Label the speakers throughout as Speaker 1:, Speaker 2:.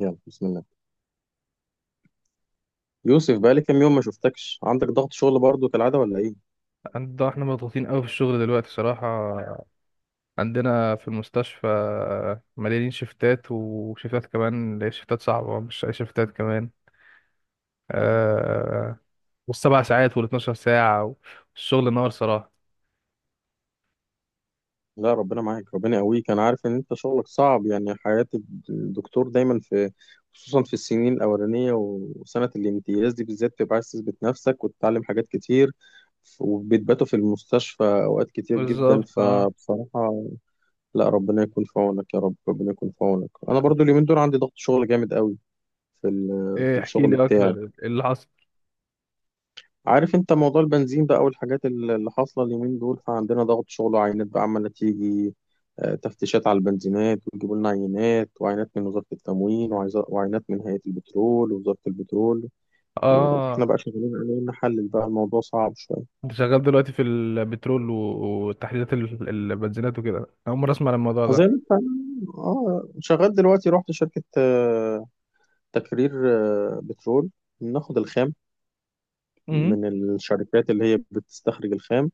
Speaker 1: يلا بسم الله. يوسف بقى لي كام يوم ما شفتكش، عندك ضغط شغل برضو كالعادة ولا ايه؟
Speaker 2: احنا مضغوطين قوي في الشغل دلوقتي صراحة. عندنا في المستشفى مليانين شفتات، وشفتات كمان اللي هي شفتات صعبة، مش أي شفتات كمان. آه والسبع ساعات والاتناشر ساعة، والشغل نار صراحة.
Speaker 1: لا ربنا معاك، ربنا يقويك، انا عارف ان انت شغلك صعب يعني حياة الدكتور دايما في، خصوصا في السنين الاولانية وسنة الامتياز دي بالذات بتبقى عايز تثبت نفسك وتتعلم حاجات كتير وبتباتوا في المستشفى اوقات كتير جدا
Speaker 2: بالظبط،
Speaker 1: فبصراحة. لا ربنا يكون في عونك يا رب، ربنا يكون في عونك، انا برضو اليومين دول عندي ضغط شغل جامد قوي في
Speaker 2: ايه،
Speaker 1: في
Speaker 2: احكي
Speaker 1: الشغل
Speaker 2: لي أكتر،
Speaker 1: بتاعي.
Speaker 2: إيه اللي حصل؟
Speaker 1: عارف انت موضوع البنزين بقى والحاجات اللي حاصلة اليومين دول، فعندنا ضغط شغل وعينات بقى عمالة تيجي، تفتيشات على البنزينات ويجيبوا لنا عينات، وعينات من وزارة التموين وعينات من هيئة البترول ووزارة البترول. واحنا
Speaker 2: اه
Speaker 1: بقى شغالين عليه نحلل بقى، الموضوع صعب شوية.
Speaker 2: انت شغال دلوقتي في البترول وتحليلات البنزينات وكده؟ أنا أول مرة أسمع عن الموضوع ده.
Speaker 1: زي ما انت، اه شغال دلوقتي، رحت شركة تكرير، بترول. بناخد الخام
Speaker 2: امم
Speaker 1: من الشركات اللي هي بتستخرج الخام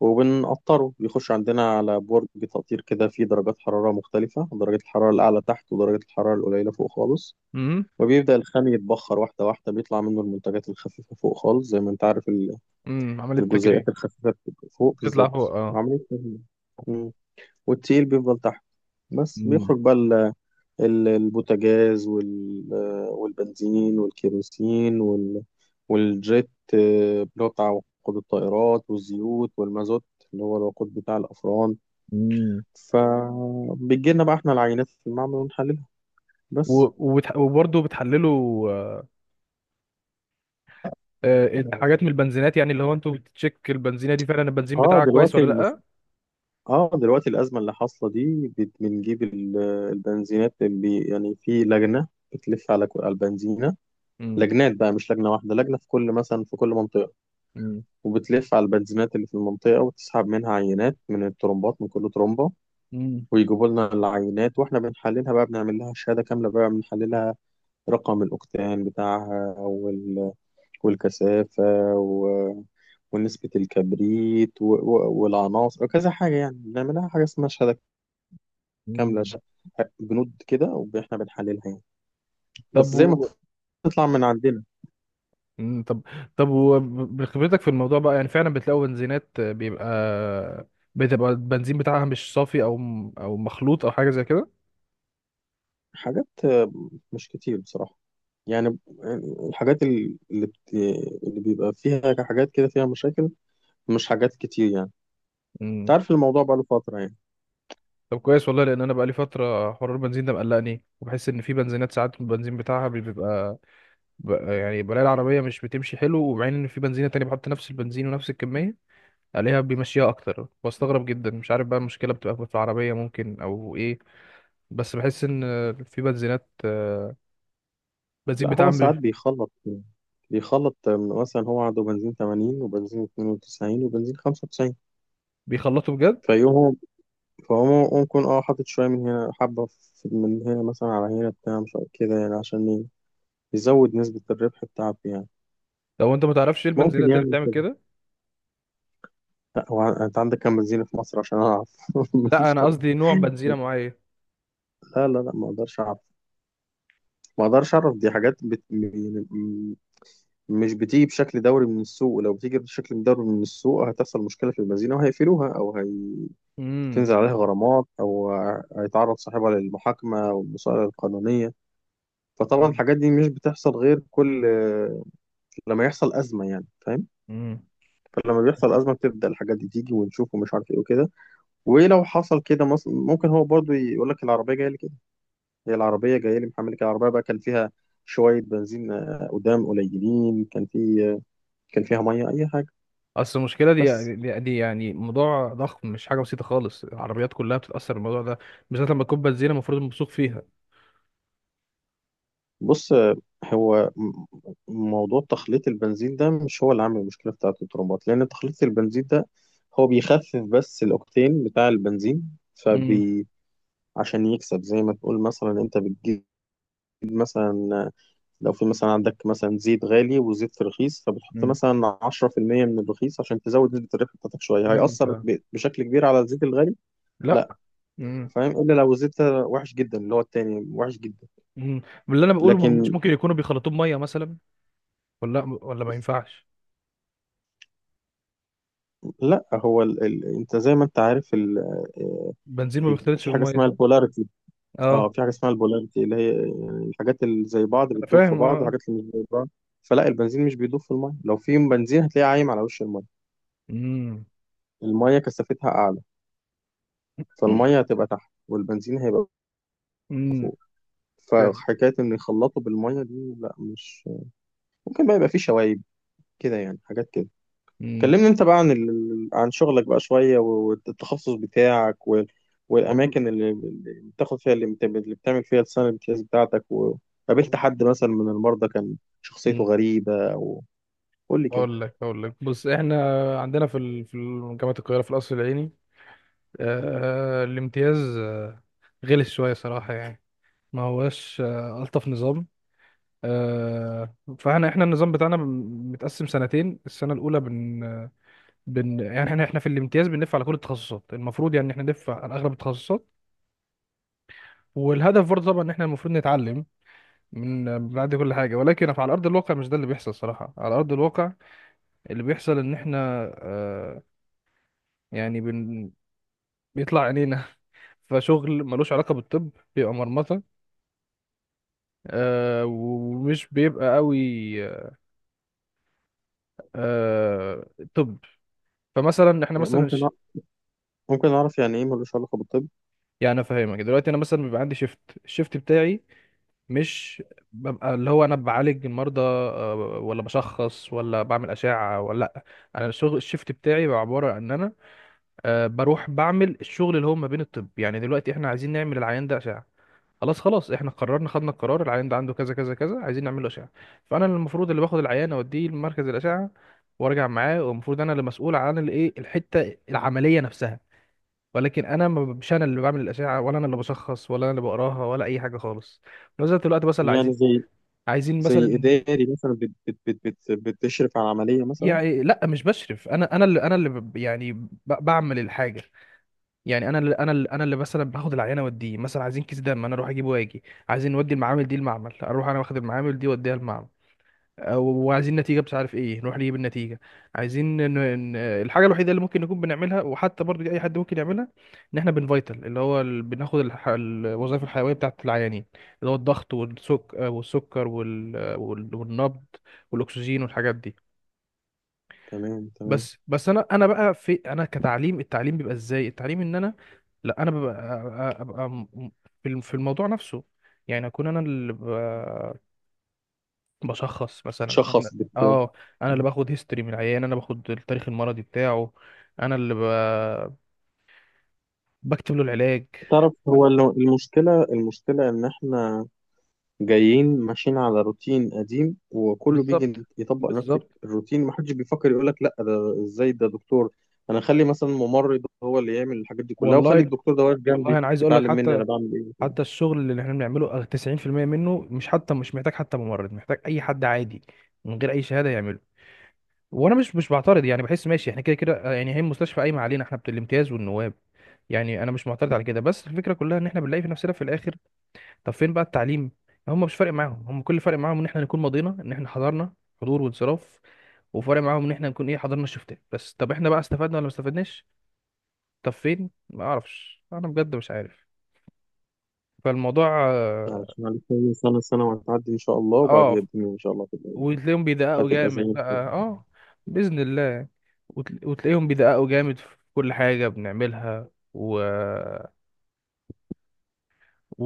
Speaker 1: وبنقطره، بيخش عندنا على برج تقطير كده فيه درجات حرارة مختلفة، درجة الحرارة الأعلى تحت ودرجة الحرارة القليلة فوق خالص.
Speaker 2: امم
Speaker 1: وبيبدأ الخام يتبخر واحدة واحدة، بيطلع منه المنتجات الخفيفة فوق خالص، زي ما أنت عارف
Speaker 2: عملية تكريم.
Speaker 1: الجزيئات الخفيفة بتبقى فوق،
Speaker 2: تطلع فوق،
Speaker 1: بالظبط
Speaker 2: اه.
Speaker 1: عملية تهيئة. مم. والتقيل بيفضل تحت، بس بيخرج بقى البوتاجاز والبنزين والكيروسين والجيت، اللي هو بتاع وقود الطائرات، والزيوت والمازوت اللي هو الوقود بتاع الأفران.
Speaker 2: امم.
Speaker 1: فبتجي لنا بقى احنا العينات في المعمل ونحللها
Speaker 2: و-
Speaker 1: بس.
Speaker 2: وبرضه بتحللوا، حاجات من البنزينات، يعني اللي هو انتوا بتتشيك البنزينه دي فعلا البنزين
Speaker 1: اه
Speaker 2: بتاعك كويس
Speaker 1: دلوقتي
Speaker 2: ولا
Speaker 1: المش...
Speaker 2: لا؟
Speaker 1: اه دلوقتي الأزمة اللي حاصلة دي بنجيب البنزينات، اللي يعني في لجنة بتلف على على البنزينة،
Speaker 2: مم.
Speaker 1: لجنات بقى مش لجنة واحدة، لجنة في كل، مثلا في كل منطقة،
Speaker 2: مم.
Speaker 1: وبتلف على البنزينات اللي في المنطقة وتسحب منها عينات من الترمبات، من كل ترمبة،
Speaker 2: مم.
Speaker 1: ويجيبوا لنا العينات واحنا بنحللها بقى، بنعمل لها شهادة كاملة بقى، بنحللها رقم الأوكتان بتاعها والكثافة و... ونسبة الكبريت والعناصر وكذا حاجة، يعني بنعملها حاجة اسمها شهادة كاملة،
Speaker 2: مم.
Speaker 1: بنود كده، واحنا بنحللها يعني، بس
Speaker 2: طب
Speaker 1: زي ما تطلع من عندنا
Speaker 2: مم، طب، طب وبخبرتك في الموضوع بقى، يعني فعلا بتلاقوا بنزينات بتبقى البنزين بتاعها مش صافي او او مخلوط او حاجه زي كده؟
Speaker 1: حاجات، مش كتير بصراحة يعني. الحاجات اللي بيبقى فيها حاجات كده فيها مشاكل مش حاجات كتير يعني. انت
Speaker 2: مم.
Speaker 1: عارف الموضوع بقاله فترة يعني.
Speaker 2: طب كويس والله، لان انا بقى لي فتره حوار البنزين ده مقلقني. وبحس ان في بنزينات ساعات البنزين بتاعها بيبقى يعني بلاقي العربية مش بتمشي حلو، ومع ان في بنزينة تانية بحط نفس البنزين ونفس الكمية عليها بيمشيها اكتر. بستغرب جدا، مش عارف بقى المشكلة بتبقى في العربية ممكن او ايه، بس بحس ان في بنزينات بنزين
Speaker 1: لا هو
Speaker 2: بتاعهم
Speaker 1: ساعات بيخلط، بيخلط مثلا هو عنده بنزين 80 وبنزين 92 وبنزين 95،
Speaker 2: بيخلطوا بجد.
Speaker 1: فيقوم فهو ممكن اه حاطط شوية من هنا، حبة من هنا مثلا على هنا بتاع مش عارف كده يعني عشان يزود نسبة الربح بتاعته يعني.
Speaker 2: لو انت ما تعرفش ايه
Speaker 1: ممكن
Speaker 2: البنزينات اللي
Speaker 1: يعمل.
Speaker 2: بتعمل كده؟
Speaker 1: لا هو انت عندك كام بنزينة في مصر عشان اعرف؟
Speaker 2: لا
Speaker 1: مفيش
Speaker 2: انا
Speaker 1: طبعا.
Speaker 2: قصدي نوع بنزينة معين.
Speaker 1: لا، ما اقدرش اعرف، ما اقدرش اعرف، دي حاجات مش بتيجي بشكل دوري من السوق، لو بتيجي بشكل دوري من السوق هتحصل مشكلة في البنزينة وهيقفلوها، او
Speaker 2: امم.
Speaker 1: هيتنزل عليها غرامات، او هيتعرض صاحبها للمحاكمة والمسألة القانونية. فطبعا الحاجات دي مش بتحصل غير كل، لما يحصل أزمة يعني، فاهم؟
Speaker 2: امم.
Speaker 1: فلما بيحصل أزمة بتبدأ الحاجات دي تيجي ونشوف ومش عارف ايه وكده. ولو حصل كده ممكن هو برضو يقول لك العربية جاية لك، هي العربية جاية لي محمل كده، العربية بقى كان فيها شوية بنزين، قدام قليلين كان في، آه، كان فيها مية أي حاجة،
Speaker 2: اصل المشكلة
Speaker 1: بس.
Speaker 2: دي يعني موضوع ضخم، مش حاجة بسيطة خالص. العربيات كلها بتتأثر بالموضوع ده، بالذات لما تكون بنزينة المفروض موثوق فيها.
Speaker 1: بص، هو موضوع تخليط البنزين ده مش هو اللي عامل المشكلة بتاعة الترمبات، لأن تخليط البنزين ده هو بيخفف بس الأوكتين بتاع البنزين،
Speaker 2: امم.
Speaker 1: فبي، عشان يكسب. زي ما تقول مثلا، أنت بتجيب مثلا، لو في مثلا عندك مثلا زيت غالي وزيت رخيص فبتحط
Speaker 2: امم.
Speaker 1: مثلا 10% من الرخيص عشان تزود نسبة الربح بتاعتك شوية،
Speaker 2: فهمت،
Speaker 1: هيأثر
Speaker 2: آه.
Speaker 1: بشكل كبير على الزيت الغالي؟ لا.
Speaker 2: لا. امم.
Speaker 1: فاهم، إلا لو الزيت وحش جدا، اللي هو التاني وحش جدا.
Speaker 2: امم. من اللي انا بقوله، ما همش
Speaker 1: لكن
Speaker 2: ممكن يكونوا بيخلطوه بميه مثلا ولا لا؟ ولا ما ينفعش؟
Speaker 1: لا، هو انت زي ما انت عارف
Speaker 2: بنزين ما
Speaker 1: ال...
Speaker 2: بيختلطش
Speaker 1: في حاجة
Speaker 2: بالميه،
Speaker 1: اسمها
Speaker 2: صح؟
Speaker 1: البولاريتي، اه
Speaker 2: اه،
Speaker 1: في حاجة اسمها البولاريتي، اللي هي يعني الحاجات اللي زي بعض
Speaker 2: انا
Speaker 1: بتدوب في
Speaker 2: فاهم،
Speaker 1: بعض،
Speaker 2: اه.
Speaker 1: والحاجات اللي مش زي بعض فلا. البنزين مش بيدوب في المية، لو في بنزين هتلاقيه عايم على وش المية،
Speaker 2: امم.
Speaker 1: المية كثافتها أعلى، فالمية هتبقى تحت والبنزين هيبقى.
Speaker 2: امم. فاهم.
Speaker 1: فحكاية إن يخلطوا بالمية دي لا، مش ممكن. بقى يبقى فيه شوايب كده يعني، حاجات كده.
Speaker 2: امم.
Speaker 1: كلمني أنت بقى عن عن شغلك بقى شوية، والتخصص بتاعك
Speaker 2: والله.
Speaker 1: والأماكن اللي بتاخد فيها، اللي بتعمل فيها السنة الامتياز بتاعتك، وقابلت حد مثلا من المرضى كان شخصيته
Speaker 2: امم.
Speaker 1: غريبة، أو قول لي كده.
Speaker 2: اقول لك، بص، احنا عندنا في جامعه القاهره، في القصر العيني، الامتياز غلس شويه صراحه، يعني ما هوش الطف نظام. فاحنا النظام بتاعنا متقسم سنتين. السنه الاولى يعني احنا في الامتياز بنلف على كل التخصصات، المفروض يعني احنا نلف على اغلب التخصصات. والهدف برضه طبعا ان احنا المفروض نتعلم من بعد كل حاجه، ولكن على ارض الواقع مش ده اللي بيحصل صراحه. على ارض الواقع اللي بيحصل ان احنا يعني بن... بيطلع عينينا فشغل ملوش علاقه بالطب، بيبقى مرمطه، آه، ومش بيبقى قوي، آه. طب، فمثلا احنا مثلا
Speaker 1: ممكن أع- ممكن أعرف يعني إيه ملوش علاقة بالطب؟
Speaker 2: يعني افهمك دلوقتي، انا مثلا بيبقى عندي شيفت. الشيفت بتاعي مش ببقى اللي هو انا بعالج المرضى، ولا بشخص ولا بعمل اشعه، ولا لا. انا الشغل، الشيفت بتاعي، بيبقى عباره عن ان انا بروح بعمل الشغل اللي هو ما بين الطب. يعني دلوقتي احنا عايزين نعمل العيان ده اشعه، خلاص، احنا قررنا، خدنا القرار، العيان ده عنده كذا كذا كذا، عايزين نعمل له اشعه. فانا المفروض اللي باخد العيان اوديه لمركز الاشعه وارجع معاه، والمفروض انا اللي مسؤول عن الايه، الحته العمليه نفسها. ولكن انا مش انا اللي بعمل الاشعه، ولا انا اللي بشخص، ولا انا اللي بقراها، ولا اي حاجه خالص. نزلت الوقت بس اللي عايزين،
Speaker 1: يعني زي،
Speaker 2: عايزين مثلا
Speaker 1: إداري مثلا بتشرف على عملية مثلا.
Speaker 2: يعني لا مش بشرف، انا يعني بعمل الحاجه. يعني انا اللي مثلا باخد العينه واديه، مثلا عايزين كيس دم انا اروح اجيبه واجي، عايزين نودي المعامل دي المعمل، اروح انا واخد المعامل دي واديها المعمل، وعايزين نتيجه، مش عارف ايه، نروح نجيب النتيجه، عايزين الحاجه الوحيده اللي ممكن نكون بنعملها، وحتى برضو دي اي حد ممكن يعملها، ان احنا بنفايتل، اللي هو بناخد الوظائف الحيويه بتاعت العيانين، اللي هو الضغط والسكر والنبض والاكسجين والحاجات دي.
Speaker 1: تمام تمام.
Speaker 2: بس، بس انا بقى في انا كتعليم، التعليم بيبقى ازاي؟ التعليم ان انا، لا انا ببقى، ابقى في في الموضوع نفسه، يعني اكون انا اللي بشخص مثلا. انا،
Speaker 1: بتشخص
Speaker 2: اه، انا اللي باخد هيستوري من العيان، انا باخد التاريخ المرضي بتاعه، انا اللي بكتب له العلاج.
Speaker 1: تعرف هو
Speaker 2: أنا-
Speaker 1: المشكلة، إن إحنا جايين ماشيين على روتين قديم وكله
Speaker 2: بالظبط.
Speaker 1: بيجي يطبق نفس
Speaker 2: بالظبط.
Speaker 1: الروتين، محدش بيفكر يقول لك لأ، ده إزاي؟ ده دكتور. أنا أخلي مثلا ممرض هو اللي يعمل الحاجات دي كلها وأخلي
Speaker 2: والله،
Speaker 1: الدكتور ده واقف
Speaker 2: والله
Speaker 1: جنبي
Speaker 2: انا عايز اقول لك،
Speaker 1: يتعلم مني
Speaker 2: حتى
Speaker 1: أنا بعمل إيه.
Speaker 2: الشغل اللي احنا بنعمله 90% منه مش حتى مش محتاج حتى ممرض، محتاج اي حد عادي من غير اي شهادة يعمله. وانا مش بعترض، يعني بحس ماشي، احنا كده كده، يعني هي المستشفى قايمه علينا احنا بتاع الامتياز والنواب. يعني انا مش معترض على كده، بس الفكره كلها ان احنا بنلاقي في نفسنا في الاخر، طب فين بقى التعليم؟ هم مش فارق معاهم، هم كل فارق معاهم ان احنا نكون مضينا، ان احنا حضرنا، حضور وانصراف. وفارق معاهم ان احنا نكون ايه، حضرنا الشفتات بس. طب احنا بقى استفدنا ولا ما استفدناش؟ طب فين؟ ما اعرفش انا بجد، مش عارف. فالموضوع، اه،
Speaker 1: علشان عليك كام سنة؟ سنة وهتعدي إن شاء الله، وبعديها
Speaker 2: آه،
Speaker 1: الدنيا إن شاء الله هتبقى إيه؟
Speaker 2: وتلاقيهم بيدققوا
Speaker 1: هتبقى زي
Speaker 2: جامد
Speaker 1: الفل.
Speaker 2: بقى، اه. بإذن الله. وتلاقيهم بيدققوا جامد في كل حاجة بنعملها، و...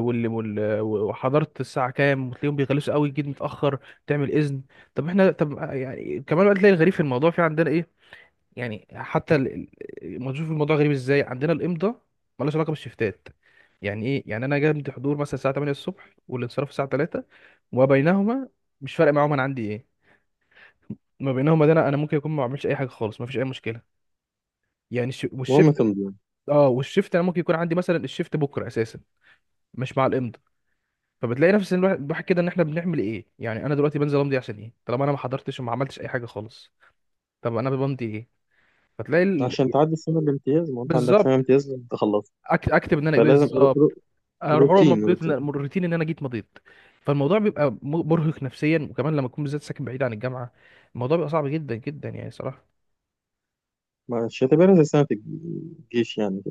Speaker 2: وحضارة الساعة كام، وتلاقيهم بيغلسوا قوي جدا، متأخر تعمل إذن. طب احنا، طب يعني كمان بقى، تلاقي الغريب في الموضوع في عندنا ايه، يعني حتى ما تشوف الموضوع غريب ازاي، عندنا الإمضاء مالهاش علاقة بالشفتات. يعني ايه؟ يعني انا جنب حضور مثلا الساعة 8 الصبح والانصراف الساعة 3، وما بينهما مش فارق معاهم انا عندي ايه. ما بينهم وبين انا، أنا ممكن يكون ما بعملش اي حاجه خالص، ما فيش اي مشكله. يعني
Speaker 1: المهم
Speaker 2: والشيفت،
Speaker 1: تمضي
Speaker 2: اه، والشيفت انا ممكن يكون عندي مثلا الشيفت بكره اساسا، مش مع الامضاء. فبتلاقي نفس الواحد، كده ان احنا بنعمل ايه؟ يعني انا دلوقتي بنزل امضي عشان ايه، طالما انا ما حضرتش وما عملتش اي حاجه خالص؟ طب انا بمضي ايه؟ فتلاقي
Speaker 1: عشان تعدي السنة الامتياز، ما أنت عندك سنة
Speaker 2: بالظبط.
Speaker 1: امتياز لازم تخلصها،
Speaker 2: اكتب ان انا ايه
Speaker 1: فلازم
Speaker 2: بالظبط. اروح،
Speaker 1: روتين،
Speaker 2: مضيت من الروتين، ان انا جيت مضيت. فالموضوع بيبقى مرهق نفسيا، وكمان لما تكون بالذات ساكن بعيد عن الجامعه، الموضوع بيبقى صعب جدا جدا يعني صراحه.
Speaker 1: مش هتبقى زي سنة الجيش يعني،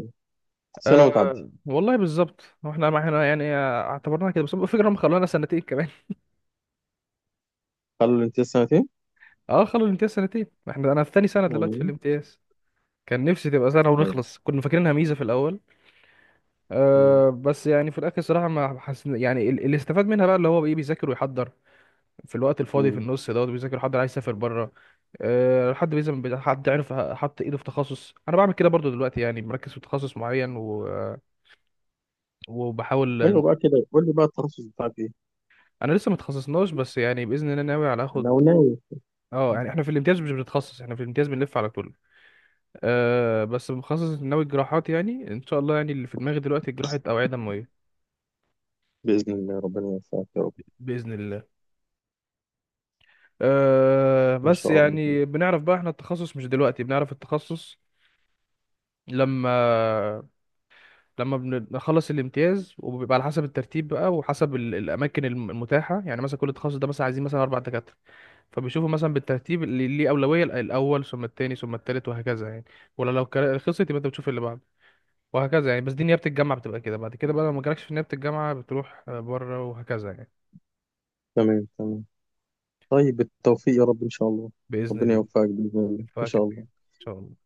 Speaker 1: سنة وتعدي.
Speaker 2: أه والله بالظبط، هو احنا، ما احنا يعني اعتبرناها كده، بس هو الفكره هم خلونا سنتين كمان.
Speaker 1: قالوا لي انت لسه سنتين؟
Speaker 2: اه، خلوا الامتياز سنتين، احنا، انا في تاني سنه دلوقتي في
Speaker 1: والله.
Speaker 2: الامتياز. كان نفسي تبقى سنه
Speaker 1: طيب.
Speaker 2: ونخلص، كنا فاكرينها ميزه في الاول.
Speaker 1: مم.
Speaker 2: أه، بس يعني في الاخر صراحه ما حس، يعني اللي استفاد منها بقى اللي هو ايه، بيذاكر ويحضر في الوقت الفاضي، في
Speaker 1: مم.
Speaker 2: النص دوت بيذاكر ويحضر، عايز يسافر بره، أه، حد بيزم حد عرف حط ايده في تخصص، انا بعمل كده برضو دلوقتي، يعني مركز في تخصص معين
Speaker 1: ايوه
Speaker 2: وبحاول.
Speaker 1: بقى كده، قول لي بقى التخصص بتاعك ايه؟
Speaker 2: انا لسه ما اتخصصناش، بس يعني باذن الله ناوي على
Speaker 1: انا
Speaker 2: اخد.
Speaker 1: وناوي.
Speaker 2: اه،
Speaker 1: مم.
Speaker 2: يعني احنا في الامتياز مش بنتخصص، احنا في الامتياز بنلف على طول. أه، بس بنخصص، ناوي الجراحات يعني، ان شاء الله يعني اللي في دماغي دلوقتي جراحة اوعية دموية.
Speaker 1: بإذن الله، ربنا يوفقك يا رب
Speaker 2: باذن الله. أه
Speaker 1: ان
Speaker 2: بس
Speaker 1: شاء الله.
Speaker 2: يعني بنعرف بقى احنا التخصص، مش دلوقتي بنعرف التخصص. لما لما بنخلص الامتياز، وبيبقى على حسب الترتيب بقى، وحسب الاماكن المتاحة. يعني مثلا كل تخصص ده مثلا عايزين مثلا اربع دكاترة، فبيشوفوا مثلا بالترتيب اللي ليه اولوية، الاول ثم التاني ثم التالت وهكذا يعني. ولا خلصت، يبقى انت بتشوف اللي بعده وهكذا يعني. بس دي نيابة الجامعة بتبقى كده، بعد كده بقى لو ما جالكش في نيابة الجامعة بتروح بره وهكذا يعني.
Speaker 1: تمام تمام. طيب بالتوفيق يا رب ان شاء الله،
Speaker 2: بإذن
Speaker 1: ربنا
Speaker 2: الله.
Speaker 1: يوفقك بإذن الله ان شاء
Speaker 2: فكده يعني.
Speaker 1: الله.
Speaker 2: إن شاء الله.